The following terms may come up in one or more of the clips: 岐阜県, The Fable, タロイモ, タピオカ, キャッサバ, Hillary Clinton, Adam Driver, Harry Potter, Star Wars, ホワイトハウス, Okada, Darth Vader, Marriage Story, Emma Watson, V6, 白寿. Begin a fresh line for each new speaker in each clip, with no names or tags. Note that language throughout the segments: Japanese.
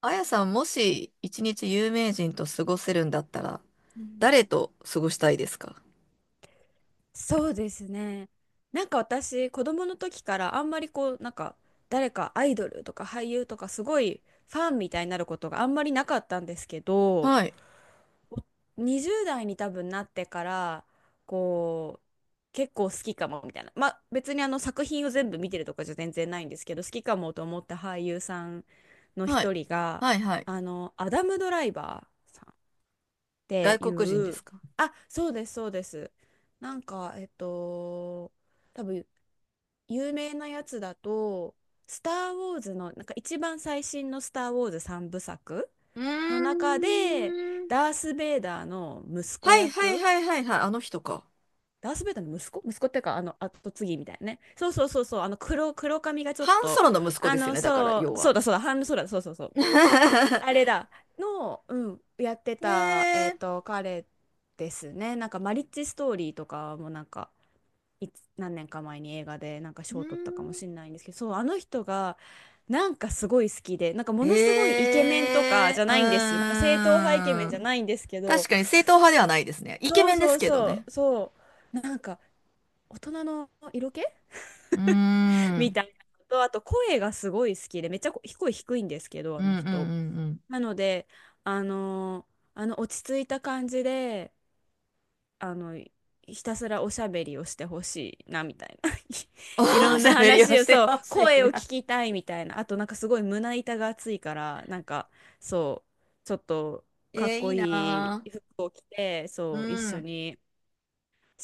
あやさん、もし一日有名人と過ごせるんだったら、
うん、
誰と過ごしたいですか？
そうですね。なんか私、子供の時からあんまりこう、なんか誰かアイドルとか俳優とかすごいファンみたいになることがあんまりなかったんですけど、
はい、
20代に多分なってから、こう、結構好きかもみたいな。まあ別にあの作品を全部見てるとかじゃ全然ないんですけど、好きかもと思った俳優さんの
はい、
一人が、
はい、はい。
あの、アダム・ドライバーさんって
外
い
国人で
う、
すか？
あ、そうです、そうです。なんか、多分有名なやつだと、スター・ウォーズの、なんか一番最新のスター・ウォーズ3部作
う
の
ー
中で、
ん。
ダース・ベイダーの息子
はい、はい、
役、
はい、はい、はい。あの人か。
ダース・ベイダーの息子っていうか、あの、後継ぎみたいなね。そうそうそうそう、あの黒髪がちょっ
ハンソ
と、
ロの息子
あ
ですよ
の、
ね、だから、
そ
要
う、そ
は。
うだそうだ、そうだ、そうそうそう。あれだ、の、うん、やってた、
えー、
彼ですね。なんか、マリッジストーリーとかもなんか、何年か前に映画でなんか
うー
賞を取ったかも
ん。
しれないんですけど、そう、あの人が、なんかすごい好きで、なんかも
え
のすごいイケメンとか
ー、
じゃ
う
ないんですよ。なんか正統派イケメ
ー
ンじゃ
ん。
ないんですけど、
確かに正統派ではないですね。イケ
そ
メ
う
ンで
そ
す
う
けど
そ
ね。
う、そう、なんか、大人の色気
うー
み
ん。
たいなのと、あと声がすごい好きで、めっちゃ声低いんですけど、
う
あの
んうん
人。
うん。
なので、あの、あの落ち着いた感じで、あの、ひたすらおしゃべりをしてほしいな、みたいな。
お
いろんな
喋りを
話を、
して
そう、
ほしい
声を
な。
聞きたいみたいな。あと、なんかすごい胸板が厚いから、なんか、そう、ちょっとかっ
えーい
こ
い
い
な
い服を着て、
ー。う
そう、一緒
ん。
に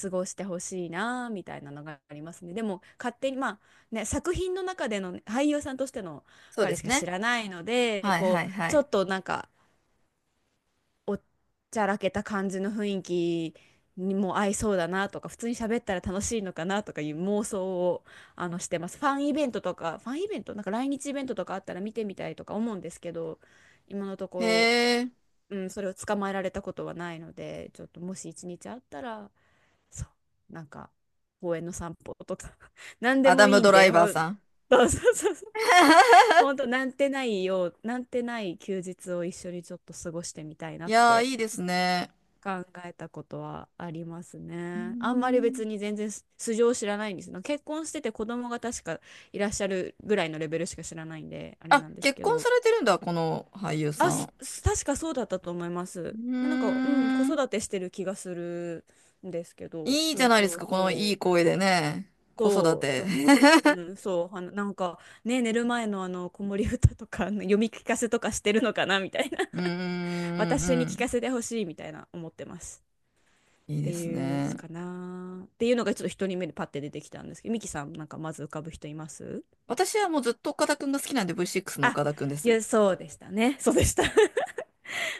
過ごしてほしいな、みたいなのがありますね。でも、勝手に、まあ、ね、作品の中でのね俳優さんとしての
そうで
彼し
す
か知
ね。
らないので、
はい
こ
は
う、
いは
ちょ
い。
っとなんか、おっちゃらけた感じの雰囲気にも合いそうだなとか、普通に喋ったら楽しいのかなとかいう妄想をあのしてます。ファンイベントとか、ファンイベント、なんか来日イベントとかあったら見てみたいとか思うんですけど、今のと
へ
こ
え、
ろ、うん、それを捕まえられたことはないので、ちょっともし一日あったら、そう、なんか公園の散歩とか、何で
ア
も
ダ
い
ム・
いん
ドラ
で、
イバーさん。
そうそうそうそう。本当 なんてないよう、なんてない休日を一緒にちょっと過ごしてみたいな
い
っ
やー、
て
いいですね。
考えたことはあります
うー
ね。あんまり
ん。
別に全然素性を知らないんですの。結婚してて子供が確かいらっしゃるぐらいのレベルしか知らないんで、あれ
あ、
なんです
結
け
婚さ
ど。
れてるんだ、この俳優
あ、
さん。
確かそうだったと思いま
う
す。でなんか、うん、子
ーん。
育てしてる気がするんですけど、
いいじ
そ
ゃ
う
ないです
そう
か、このいい
そう。
声でね。子育
そう、ちょ
て。
っと。うん、そう、あの、なんか、ね、寝る前のあの、子守歌とか、あの読み聞かせとかしてるのかな、みたいな。
うー ん、う
私に聞か
ん。
せてほしい、みたいな、思ってます。
い
っ
いで
て
す
いうす
ね。
かなっていうのがちょっと一人目でパッて出てきたんですけど、ミキさんなんかまず浮かぶ人います？
私はもうずっと岡田くんが好きなんで、 V6 の
あ、
岡田くんで
い
す。
や、そうでしたね。 そうでした。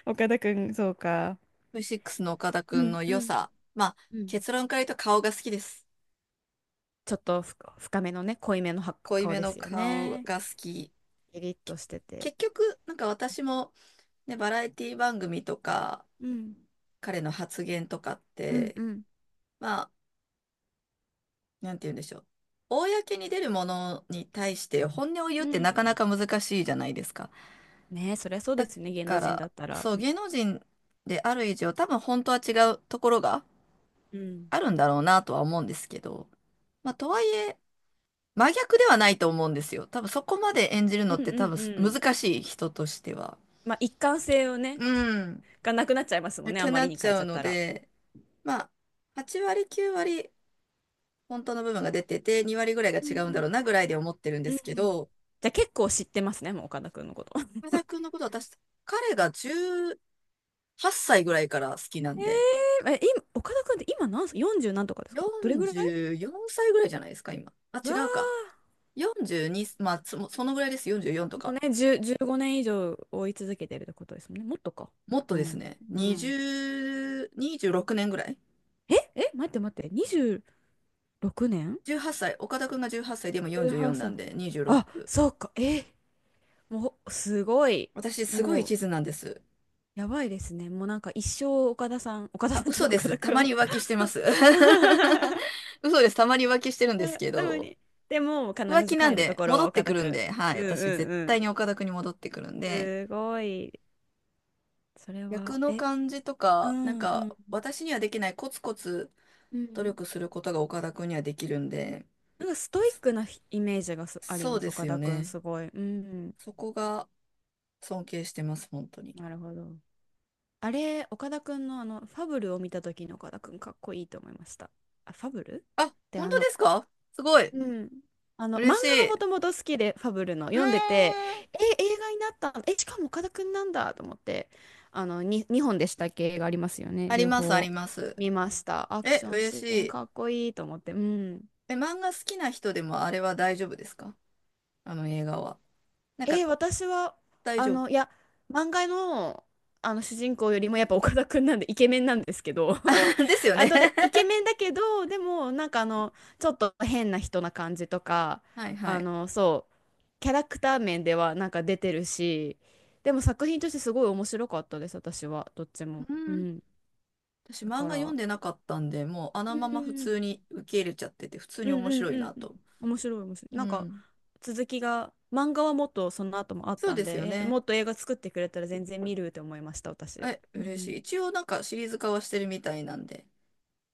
岡田君、そうか。
V6 の岡田
う
くん
ん
の
う
良
ん
さ。まあ、
うん。
結論から言うと顔が好きです。
ちょっと深めのね、濃いめのは
濃い
顔
め
で
の
すよ
顔
ね。
が好き。
キリッ
け
としてて、
結局、なんか私も、ね、バラエティ番組とか、
うん
彼の発言とかっ
うんう
て、
ん
まあ、なんて言うんでしょう。公に出るものに対して本音を言う
う
って
ん。
なかなか難しいじゃないですか。
ねえ、そりゃそうで
だ
すね、芸能
か
人だ
ら、
ったら。
そう、
うん
芸能人である以上、多分本当は違うところが
うん
あるんだろうなとは思うんですけど、まあ、とはいえ、真逆ではないと思うんですよ。多分そこまで演じる
う
のって多
ん
分
うん。
難しい、人としては。
まあ一貫性をね、
うん。
がなくなっちゃいますもん
な
ね、あ
く
ま
な
り
っ
に
ち
変えち
ゃう
ゃっ
の
たら。
で、まあ、8割、9割、本当の部分が出てて、2割ぐらいが
うんう
違うんだ
ん
ろうなぐらいで思ってるん
う
で
ん
すけ
うん。
ど、
じゃあ結構知ってますねもう、岡田君のこと。
岡田君のこと私、彼が18歳ぐらいから好きな
え
んで、
え、今、岡田君って今何歳？ 40 何とかですか、どれぐらい？
44歳ぐらいじゃないですか、今。あ、
わ
違
ー、
うか。42、まあ、そのぐらいです。44と
もう
か。
ね、10、15年以上追い続けてるってことですもんね。もっとか。
もっと
う
です
ん。
ね。
うん。
20、26年ぐらい。
え、待って待って、26年？
18歳、岡田くんが18歳で今44
18
な
歳。
んで
あ、
26。
そうか。え、もう、すごい。
私すごい
もう、
一途なんです。
やばいですね。もうなんか一生岡田さん、岡田
あ、
さんじゃ
嘘
ない、
で
岡
す。
田
たま
君。
に浮気してます。嘘です。たまに浮気してるんですけ
多分
ど、
に。でも、必
浮気
ず
なん
帰ると
で
ころ
戻
は
って
岡
く
田
るん
君。
で、はい。
うんう
私絶
んう
対
ん。
に岡田くんに戻ってくるんで、
すごい。それ
役
は、
の
え、
感じと
う
か、なん
んう
か
ん。
私にはできないコツコツ
う
努
ん。
力することが岡田くんにはできるんで、
なんかストイッ
そ
クなイメージがあり
そ
ま
う
す、
で
岡
すよ
田くん、
ね。
すごい。うん、
そこが尊敬してます、本当に。
なるほど。あれ、岡田くんのあの、ファブルを見た時の岡田くん、かっこいいと思いました。あ、ファブルっ
あ、
て
本
あ
当
の、
ですか？すごい。
うん。あの、漫
嬉
画が
し
もと
い。
もと好きで、ファブルの、
うーん。
読んでて、え、映画になったの、え、しかも岡田くんなんだと思って、あの、2本でしたっけ、映画ありますよね、
あり
両
ます、あり
方
ます。
見ました。アク
え、
ション
嬉し
シーン、
い。
かっこいいと思って、うん。
え、漫画好きな人でもあれは大丈夫ですか？あの映画は。なんか
私は、
大
あ
丈夫。
の、いや、漫画の、あの主人公よりもやっぱ岡田くんなんでイケメンなんですけど
です よ
あ
ね。
とでイケメンだけど、でもなんかあのちょっと変な人な感じとか、
はいは
あ
い。
の、そうキャラクター面ではなんか出てるし、でも作品としてすごい面白かったです、私はどっちも。
う
う
ん。
ん、
私
だ
漫
か
画読ん
ら、
でなかったんで、もうあ
う
の
ん
まま普
うん
通に受け入れちゃってて、普通
う
に
ん
面
う
白
ん
い
うん
な
うん。
と。
面白い、面白い。
う
なんか
ん。
続きが、漫画はもっとその後もあっ
そう
た
で
ん
すよ
で、え、
ね。
もっと映画作ってくれたら全然見るって思いました、私。
え、
う
嬉し
ん。
い。一応なんかシリーズ化はしてるみたいなんで。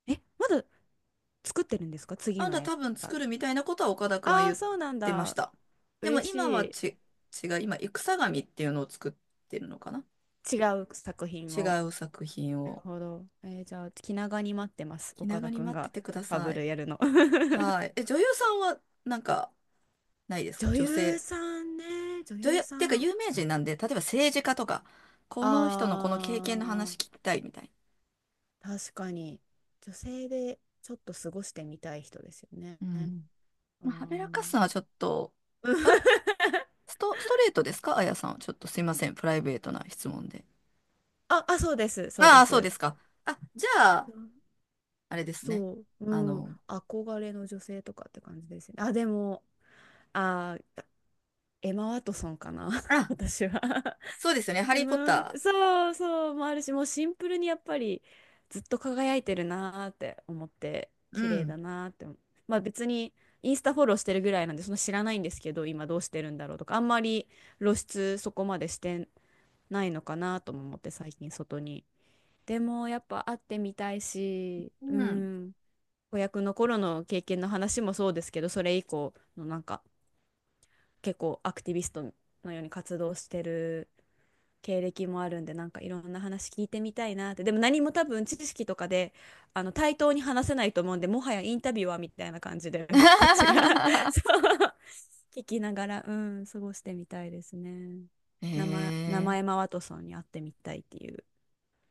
え、まだ作ってるんですか、次
あん
の
た
映
多分
画？
作るみたいなことは岡田くんは
ああ
言
ー、
っ
そうなん
てまし
だ。
た。でも
嬉
今は
し
ち、違う、今、戦神っていうのを作ってるのかな。
い。違う作品
違
を。
う作品
なる
を。
ほど。じゃあ、気長に待ってます、
気
岡
長
田
に
くん
待って
が
てくだ
ファ
さ
ブ
い。
ルやるの。
はい。え、女優さんはなんかないです
女
か？女
優
性。
さんね、女
女優、っ
優さ
ていうか
ん。
有名人なんで、例えば政治家とか、この人のこの経験の
あ、
話聞きたいみたい
確かに女性でちょっと過ごしてみたい人ですよね。
な。うん。
あ
まあ、はべらかす
ー。
のはちょっと、あ、ストレートですか？あやさん。ちょっとすいません。プライベートな質問で。
あ、あ、そうです、そう
あ
で
あ、そうで
す。
すか。あ、じゃあ、あれですね。
そう、う
あ
ん、
の、
憧れの女性とかって感じですね。あ、でも、あー、エマ・ワトソンかな、
あ、
私は。
そうですよね。ハ
う
リー・ポッ
ん、
タ
そうそうもあるし、もうシンプルにやっぱりずっと輝いてるなーって思って、
ー。う
綺麗だ
ん。
なーって思う。まあ別にインスタフォローしてるぐらいなんで、そんな知らないんですけど、今どうしてるんだろうとか、あんまり露出そこまでしてないのかなとも思って最近外に。でもやっぱ会ってみたいし、う
うん。
ん、子役の頃の経験の話もそうですけど、それ以降のなんか結構アクティビストのように活動してる経歴もあるんで、なんかいろんな話聞いてみたいなって。でも何も多分知識とかで、あの、対等に話せないと思うんで、もはやインタビュアーみたいな感じで こっちが そう、聞きながら、うん、過ごしてみたいですね。名前、名
え
前マ
え
ワトソンに会ってみたいっていう。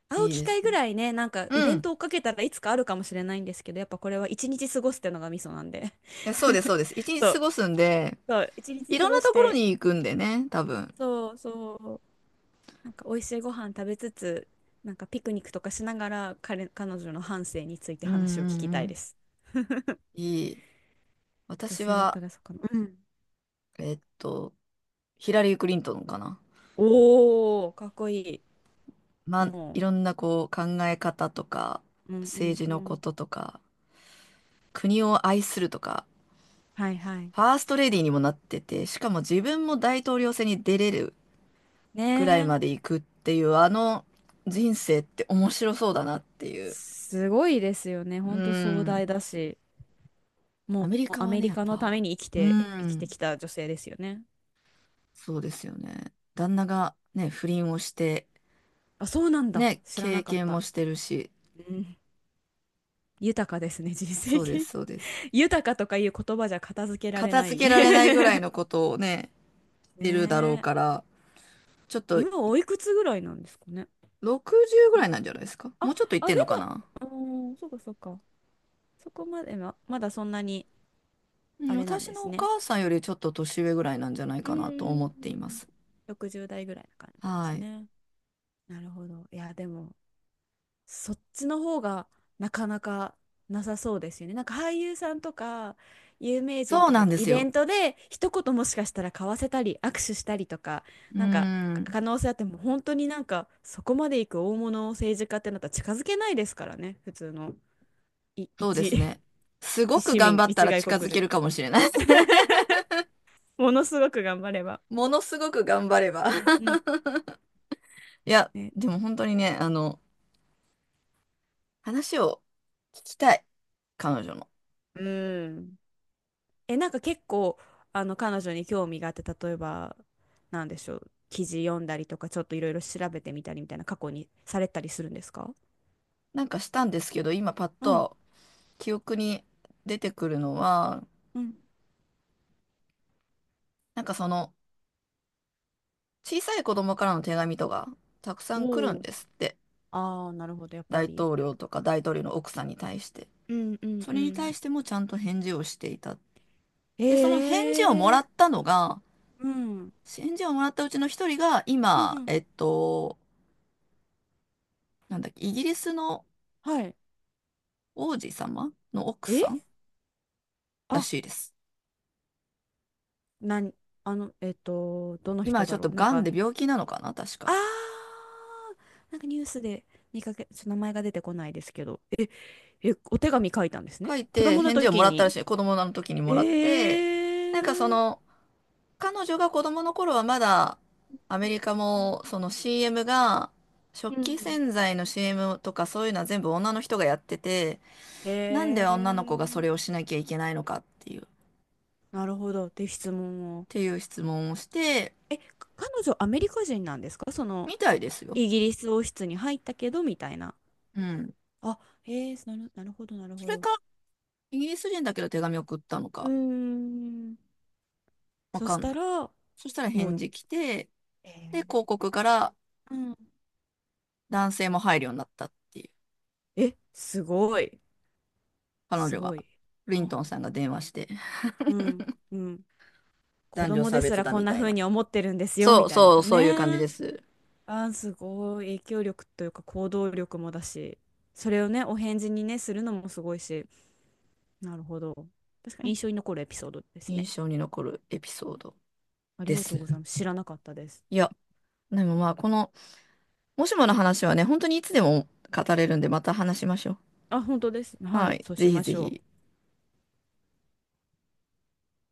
会う
いい
機
で
会
す
ぐ
ね。
らいね、なんかイ
う
ベ
ん。
ン
い
トを追っかけたらいつかあるかもしれないんですけど、やっぱこれは一日過ごすってのがミソなんで。
やそうです、そうです。一
そ
日過
う、
ごすんで、
そう、一
い
日過
ろん
ご
な
し
ところ
て、
に行くんでね、多分。
そうそうなんか美味しいご飯食べつつ、なんかピクニックとかしながら彼、彼女の半生について
うんう
話を聞き
んう
たいで
ん。
す。
いい。
女
私
性だった
は、
らそうかな。うん。
えっと、ヒラリー・クリントンかな。
おー、かっこい
ま
い。
あ、い
も
ろんなこう考え方とか、
う、うんう
政
ん
治
う
のこ
ん。
ととか、国を愛するとか、
はいはい。
ファーストレディーにもなってて、しかも自分も大統領選に出れる
ね
ぐらいまで
え、
行くっていう、あの、人生って面白そうだなっていう。
すごいですよね。
う
ほんと壮大
ん。
だし、
ア
も
メリ
う
カ
ア
は
メ
ね、
リ
やっ
カのた
ぱ、
めに生き
う
て、生きて
ん、
きた女性ですよね。
そうですよね。旦那がね、不倫をして、
あ、そうなんだ。
ね、
知ら
経
なかっ
験も
た。
してるし、
うん。豊かですね、人
そ
生経
うで
験。
す、そうです。
豊かとかいう言葉じゃ片付けられ
片
な
付
い。
けられないぐらい のことをね、し
ね
てるだろうか
え。
ら、ちょっと
今おいくつぐらいなんですかね。
60ぐ
か
らい
ん
なんじゃないですか？も
あ、
うちょっといって
あ、
ん
で
のかな。
も、うーん、そうかそうか。そこまでは、まだそんなに
うん、
あれなん
私
で
の
す
お
ね。
母さんよりちょっと年上ぐらいなんじゃない
うー
かなと思っていま
ん。
す。
60代ぐらいな感じです
はい。
ね。なるほど。いや、でも、そっちの方がなかなかなさそうですよね。なんか俳優さんとか有名人
そう
と
な
か
ん
と
で
イ
す
ベ
よ。
ントで一言もしかしたら交わせたり握手したりとか
う
なんか
ん。
可能性あっても、本当になんかそこまでいく大物政治家ってなったら近づけないですからね、普通のい
そうで
一、
す ね。す
一
ごく
市
頑
民、
張った
一
ら
外
近
国
づけ
人、
るかもしれない。
ものすごく頑張れば。
ものすごく頑張れば。
うんう ん。
いや、
ね。
でも本当にね、あの、話を聞きたい。彼女の。
うん。え、なんか結構、あの、彼女に興味があって、例えば、なんでしょう、記事読んだりとか、ちょっといろいろ調べてみたりみたいな過去にされたりするんですか？
なんかしたんですけど、今パッ
うん
と記憶に出てくるのは、
うん、
なんかその、小さい子供からの手紙とか、たくさん来る
お
ん
おー。
ですって。
ああ、なるほど、やっぱ
大
り。
統領とか大統領の奥さんに対して。
うんうん
そ
う
れに対
ん。
してもちゃんと返事をしていた。
え
で、その返事をもら
ー、
ったのが、
うん。
返事をもらったうちの一人が、
う
今、
ん。
えっと、なんだっけ、イギリスの
はい。
王子様の奥さん
え、
ら
あ、
しいです。
なに、あの、どの
今
人
ちょ
だ
っと
ろうなん
癌
か、
で病気なのかな、確
あ
か。
ー、なんかニュースで見かけ、ちょっと名前が出てこないですけど、え、え、お手紙書いたんですね。
書い
子
て
供の
返事をも
時
らったら
に。
しい。子供の時にも
ええ、
らって、なんかその、彼女が子供の頃はまだ、アメリカも、その CM が、食
う
器
ん、
洗剤の CM とかそういうのは全部女の人がやってて、なん
へ
で女の子がそれを
え、
しなきゃいけないのかっていう、っ
なるほど。って質問を。
ていう質問をして、
え、彼女アメリカ人なんですか、その、
みたいですよ。
イギリス王室に入ったけど、みたいな。
うん。
あ、ええその、なるほど、なる
そ
ほ
れ
ど。
か、イギリス人だけど手紙送ったの
うー
か、
ん。
わ
そ
か
し
ん
た
ない。
ら、
そしたら
も
返
う、
事来て、で、広
え
告から
うん。
男性も入るようになったっていう。
え、すごい。
彼
す
女が、
ごい。
リン
あ、
トンさんが電話して、
うん、うん。子
男女
供
差
です
別
ら
だ
こん
み
な
たい
風
な。
に思ってるんですよ、
そ
み
う
たいなの
そう、
だよ
そういう感じ
ね。
です。
あー、すごい影響力というか行動力もだし、それをね、お返事にね、するのもすごいし、なるほど。確かに印象に残るエピソードです
印
ね。
象に残るエピソード
あり
で
がとう
す。
ございます。知らなかったです。
いや、でもまあ、この、もしもの話はね、本当にいつでも語れるんで、また話しましょう。
あ、本当です。は
は
い、
い、
そう
ぜ
し
ひ
まし
ぜ
ょ
ひ。
う。